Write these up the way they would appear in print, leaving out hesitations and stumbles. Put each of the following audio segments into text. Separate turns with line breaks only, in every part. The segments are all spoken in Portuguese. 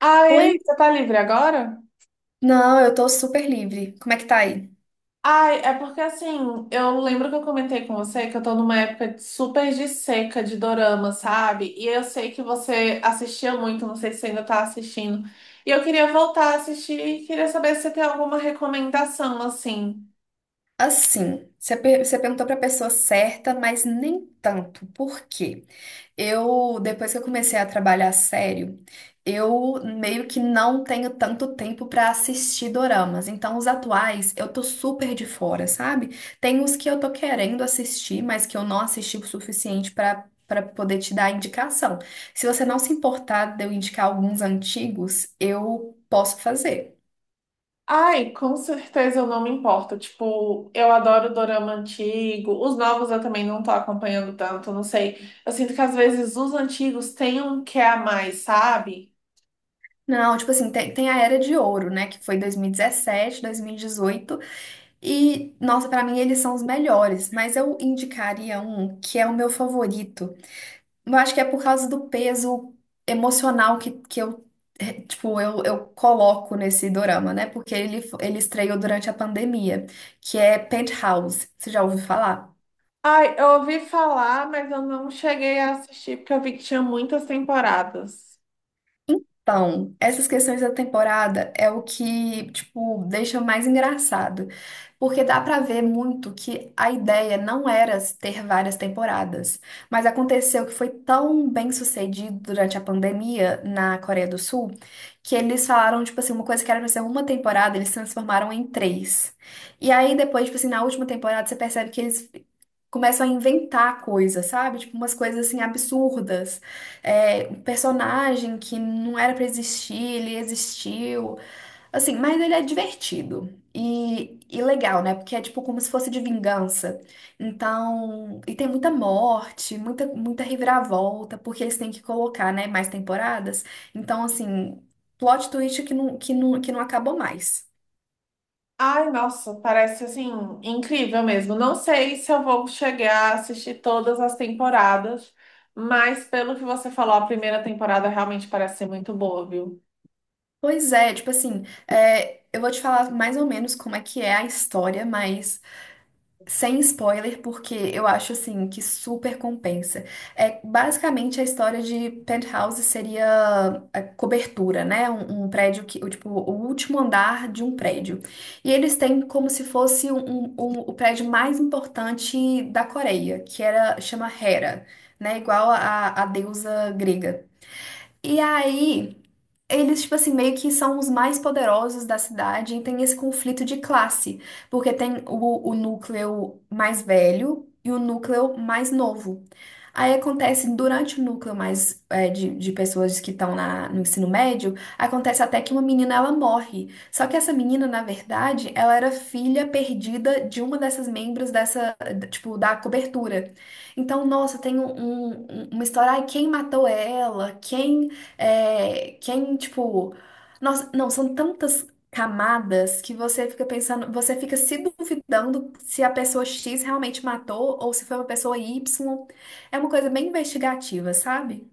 Ah, e
Oi?
aí, você tá livre agora?
Não, eu tô super livre. Como é que tá aí?
Ai, é porque assim, eu lembro que eu comentei com você que eu tô numa super de seca de dorama, sabe? E eu sei que você assistia muito, não sei se você ainda tá assistindo. E eu queria voltar a assistir e queria saber se você tem alguma recomendação, assim.
Assim, você perguntou pra pessoa certa, mas nem tanto. Por quê? Depois que eu comecei a trabalhar sério, eu meio que não tenho tanto tempo pra assistir doramas. Então, os atuais, eu tô super de fora, sabe? Tem os que eu tô querendo assistir, mas que eu não assisti o suficiente pra para poder te dar indicação. Se você não se importar de eu indicar alguns antigos, eu posso fazer.
Ai, com certeza eu não me importo. Tipo, eu adoro dorama antigo. Os novos eu também não tô acompanhando tanto, não sei. Eu sinto que às vezes os antigos têm um que a mais, sabe?
Não, tipo assim, tem a Era de Ouro, né? Que foi 2017, 2018. E, 17, 2018. E, nossa, pra mim eles são os melhores. Mas eu indicaria um que é o meu favorito. Eu acho que é por causa do peso emocional que tipo, eu coloco nesse dorama, né? Porque ele estreou durante a pandemia, que é Penthouse. Você já ouviu falar?
Ai, eu ouvi falar, mas eu não cheguei a assistir porque eu vi que tinha muitas temporadas.
Então, essas questões da temporada é o que, tipo, deixa mais engraçado, porque dá pra ver muito que a ideia não era ter várias temporadas, mas aconteceu que foi tão bem sucedido durante a pandemia na Coreia do Sul, que eles falaram, tipo assim, uma coisa que era pra ser uma temporada, eles transformaram em três. E aí depois, tipo assim, na última temporada você percebe que eles começam a inventar coisas, sabe? Tipo, umas coisas assim absurdas. É, um personagem que não era pra existir, ele existiu. Assim, mas ele é divertido. E legal, né? Porque é tipo como se fosse de vingança. Então, e tem muita morte, muita, muita reviravolta, porque eles têm que colocar, né, mais temporadas. Então, assim, plot twist que não, que não, que não acabou mais.
Ai, nossa, parece assim incrível mesmo. Não sei se eu vou chegar a assistir todas as temporadas, mas pelo que você falou, a primeira temporada realmente parece ser muito boa, viu?
Pois é, tipo assim, é, eu vou te falar mais ou menos como é que é a história, mas sem spoiler, porque eu acho assim que super compensa. É basicamente a história de penthouse seria a cobertura, né? Um prédio que, tipo, o último andar de um prédio. E eles têm como se fosse o prédio mais importante da Coreia, que era chama Hera, né? Igual a deusa grega. E aí eles, tipo assim, meio que são os mais poderosos da cidade e tem esse conflito de classe, porque tem o núcleo mais velho e o núcleo mais novo. Aí acontece, durante o núcleo mais de pessoas que estão no ensino médio, acontece até que uma menina ela morre. Só que essa menina, na verdade, ela era filha perdida de uma dessas membros dessa, tipo, da cobertura. Então, nossa, tem uma história, ai, quem matou ela? Quem, tipo. Nossa, não, são tantas camadas que você fica pensando, você fica se duvidando se a pessoa X realmente matou ou se foi uma pessoa Y. É uma coisa bem investigativa, sabe?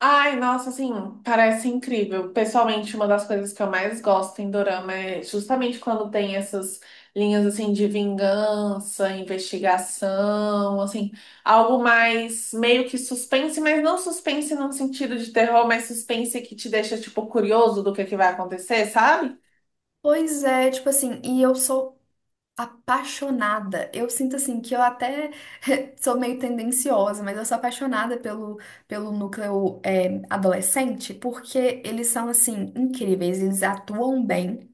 Ai, nossa, assim, parece incrível. Pessoalmente, uma das coisas que eu mais gosto em dorama é justamente quando tem essas linhas assim de vingança, investigação, assim, algo mais meio que suspense, mas não suspense num sentido de terror, mas suspense que te deixa tipo curioso do que vai acontecer, sabe?
Pois é, tipo assim, e eu sou apaixonada. Eu sinto assim que eu até sou meio tendenciosa, mas eu sou apaixonada pelo núcleo adolescente, porque eles são assim incríveis, eles atuam bem.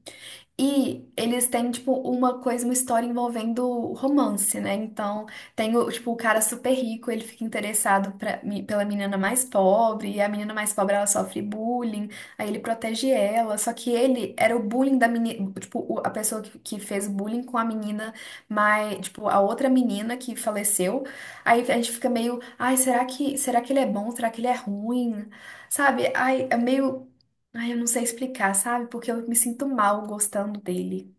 E eles têm, tipo, uma coisa, uma história envolvendo romance, né? Então, tem, tipo, o cara super rico, ele fica interessado pela menina mais pobre, e a menina mais pobre, ela sofre bullying, aí ele protege ela, só que ele era o bullying da menina, tipo, a pessoa que fez bullying com a menina mais, tipo, a outra menina que faleceu. Aí a gente fica meio, ai, será que ele é bom? Será que ele é ruim? Sabe? Ai, é meio. Ai, eu não sei explicar, sabe? Porque eu me sinto mal gostando dele.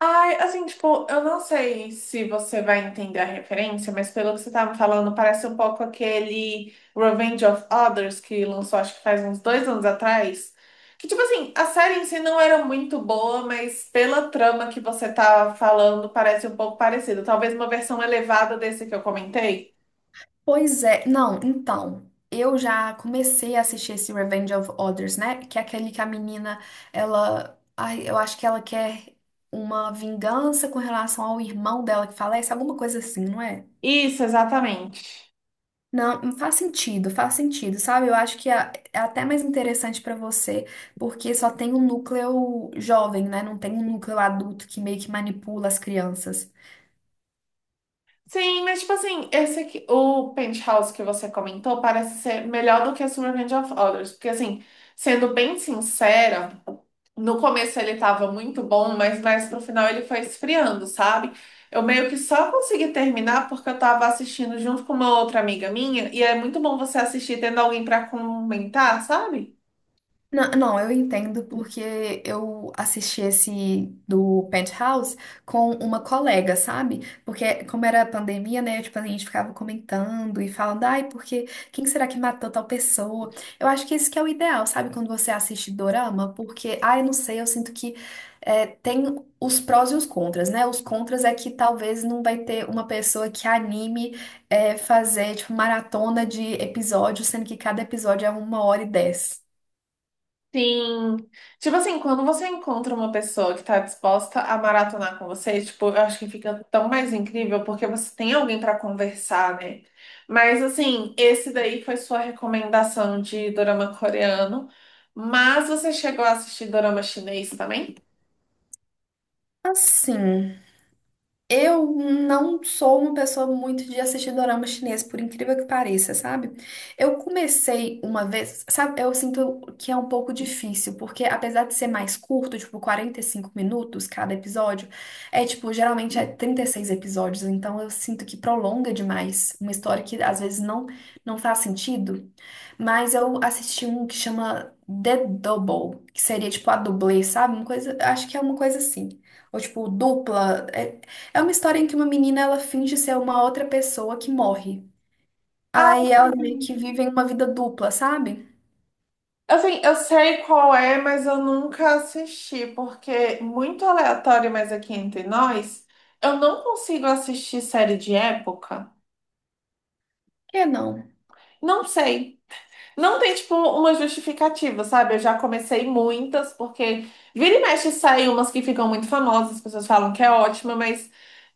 Ai, assim, tipo, eu não sei se você vai entender a referência, mas pelo que você tá me falando, parece um pouco aquele Revenge of Others que lançou, acho que faz uns 2 anos atrás. Que, tipo assim, a série em si não era muito boa, mas pela trama que você tá falando, parece um pouco parecido. Talvez uma versão elevada desse que eu comentei.
Pois é, não, então, eu já comecei a assistir esse Revenge of Others, né? Que é aquele que a menina, ela, ai, eu acho que ela quer uma vingança com relação ao irmão dela que falece, alguma coisa assim, não é?
Isso, exatamente.
Não, faz sentido, sabe? Eu acho que é até mais interessante pra você, porque só tem um núcleo jovem, né? Não tem um núcleo adulto que meio que manipula as crianças.
Sim, mas tipo assim, esse aqui, o Penthouse que você comentou parece ser melhor do que Summer Range of Others, porque assim, sendo bem sincera, no começo ele tava muito bom, mas mais pro final ele foi esfriando, sabe? Eu meio que só consegui terminar porque eu tava assistindo junto com uma outra amiga minha, e é muito bom você assistir tendo alguém pra comentar, sabe?
Não, não, eu entendo porque eu assisti esse do Penthouse com uma colega, sabe? Porque como era a pandemia, né? Tipo, a gente ficava comentando e falando, ai, porque quem será que matou tal pessoa? Eu acho que esse que é o ideal, sabe? Quando você assiste dorama, porque, ai, não sei, eu sinto que tem os prós e os contras, né? Os contras é que talvez não vai ter uma pessoa que anime fazer, tipo, maratona de episódios, sendo que cada episódio é uma hora e dez.
Sim. Tipo assim, quando você encontra uma pessoa que tá disposta a maratonar com você, tipo, eu acho que fica tão mais incrível porque você tem alguém pra conversar, né? Mas assim, esse daí foi sua recomendação de dorama coreano, mas você chegou a assistir dorama chinês também?
Assim, eu não sou uma pessoa muito de assistir dorama chinês, por incrível que pareça, sabe? Eu comecei uma vez, sabe? Eu sinto que é um pouco difícil, porque apesar de ser mais curto, tipo 45 minutos cada episódio, é tipo, geralmente é 36 episódios, então eu sinto que prolonga demais uma história que às vezes não faz sentido. Mas eu assisti um que chama The Double, que seria tipo a dublê, sabe? Uma coisa, acho que é uma coisa assim. Ou tipo, dupla. É uma história em que uma menina ela finge ser uma outra pessoa que morre.
Ah,
Aí elas meio
sim.
que vivem uma vida dupla, sabe?
Assim, eu sei qual é, mas eu nunca assisti, porque muito aleatório, mas aqui entre nós, eu não consigo assistir série de época.
Que não.
Não sei. Não tem, tipo, uma justificativa, sabe? Eu já comecei muitas, porque vira e mexe saem umas que ficam muito famosas, as pessoas falam que é ótima, mas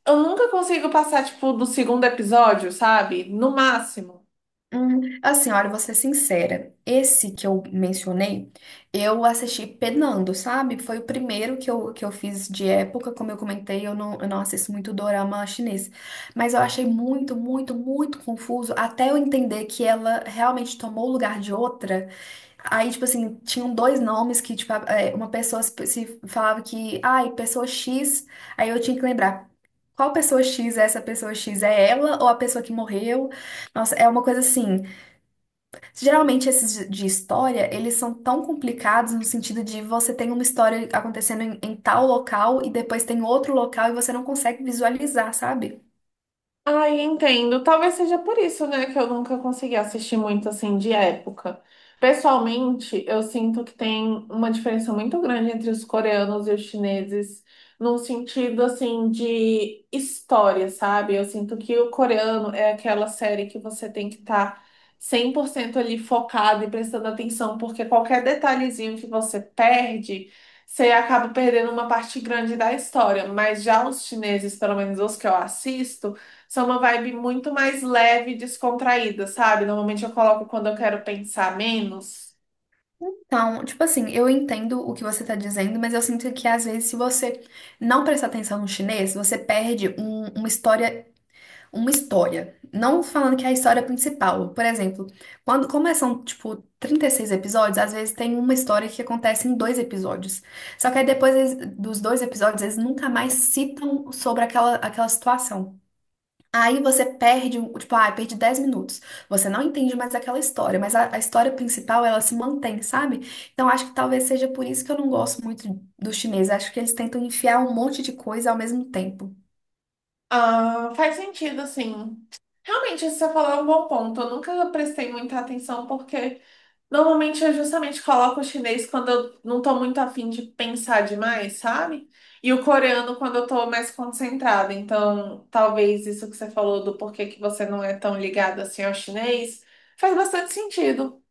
eu nunca consigo passar, tipo, do segundo episódio, sabe? No máximo.
Assim, olha, vou ser sincera. Esse que eu mencionei, eu assisti penando, sabe? Foi o primeiro que eu fiz de época. Como eu comentei, eu não assisto muito dorama chinês. Mas eu achei muito, muito, muito confuso até eu entender que ela realmente tomou o lugar de outra. Aí, tipo assim, tinham dois nomes que, tipo, uma pessoa se falava que, ai, pessoa X, aí eu tinha que lembrar. Qual pessoa X é essa pessoa X? É ela ou a pessoa que morreu? Nossa, é uma coisa assim. Geralmente esses de história, eles são tão complicados no sentido de você tem uma história acontecendo em tal local e depois tem outro local e você não consegue visualizar, sabe?
Ai, entendo. Talvez seja por isso, né, que eu nunca consegui assistir muito assim de época. Pessoalmente, eu sinto que tem uma diferença muito grande entre os coreanos e os chineses, num sentido assim de história, sabe? Eu sinto que o coreano é aquela série que você tem que estar 100% ali focado e prestando atenção, porque qualquer detalhezinho que você perde, você acaba perdendo uma parte grande da história. Mas já os chineses, pelo menos os que eu assisto, são uma vibe muito mais leve e descontraída, sabe? Normalmente eu coloco quando eu quero pensar menos.
Então, tipo assim, eu entendo o que você tá dizendo, mas eu sinto que às vezes, se você não prestar atenção no chinês, você perde uma história, uma história. Não falando que é a história principal. Por exemplo, quando começam, tipo, 36 episódios, às vezes tem uma história que acontece em dois episódios. Só que aí depois dos dois episódios, eles nunca mais citam sobre aquela situação. Aí você perde, tipo, perdi 10 minutos. Você não entende mais aquela história, mas a história principal, ela se mantém, sabe? Então acho que talvez seja por isso que eu não gosto muito do chinês. Acho que eles tentam enfiar um monte de coisa ao mesmo tempo.
Ah, faz sentido, assim. Realmente, isso que você falou é um bom ponto. Eu nunca prestei muita atenção porque normalmente eu justamente coloco o chinês quando eu não tô muito afim de pensar demais, sabe? E o coreano quando eu tô mais concentrada. Então, talvez isso que você falou do porquê que você não é tão ligado assim ao chinês faz bastante sentido.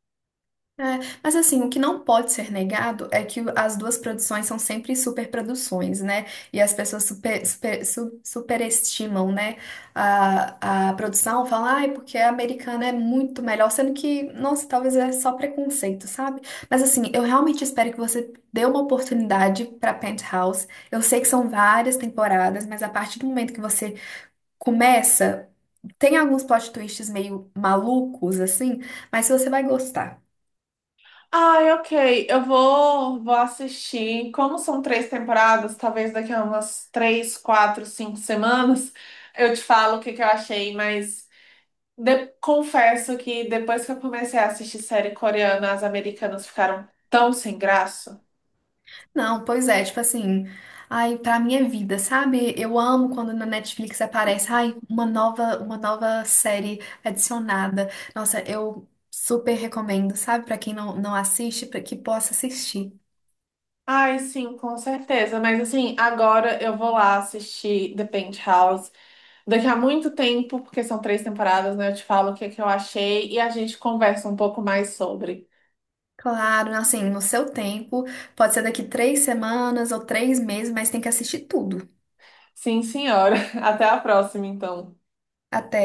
É, mas assim, o que não pode ser negado é que as duas produções são sempre superproduções, né? E as pessoas superestimam, né? A produção, falam, ai, porque a americana é muito melhor, sendo que, nossa, talvez é só preconceito, sabe? Mas assim, eu realmente espero que você dê uma oportunidade para Penthouse. Eu sei que são várias temporadas, mas a partir do momento que você começa, tem alguns plot twists meio malucos, assim, mas você vai gostar.
Ai, ok. Eu vou assistir. Como são 3 temporadas, talvez daqui a umas 3, 4, 5 semanas, eu te falo o que que eu achei, mas confesso que depois que eu comecei a assistir série coreana, as americanas ficaram tão sem graça.
Não, pois é, tipo assim, ai, pra minha vida, sabe? Eu amo quando na Netflix aparece, ai, uma nova série adicionada. Nossa, eu super recomendo, sabe? Pra quem não assiste, pra que possa assistir.
Ai, sim, com certeza. Mas assim, agora eu vou lá assistir The Penthouse. Daqui a muito tempo, porque são 3 temporadas, né? Eu te falo o que que eu achei e a gente conversa um pouco mais sobre.
Claro, assim, no seu tempo, pode ser daqui 3 semanas ou 3 meses, mas tem que assistir tudo.
Sim, senhora. Até a próxima, então.
Até.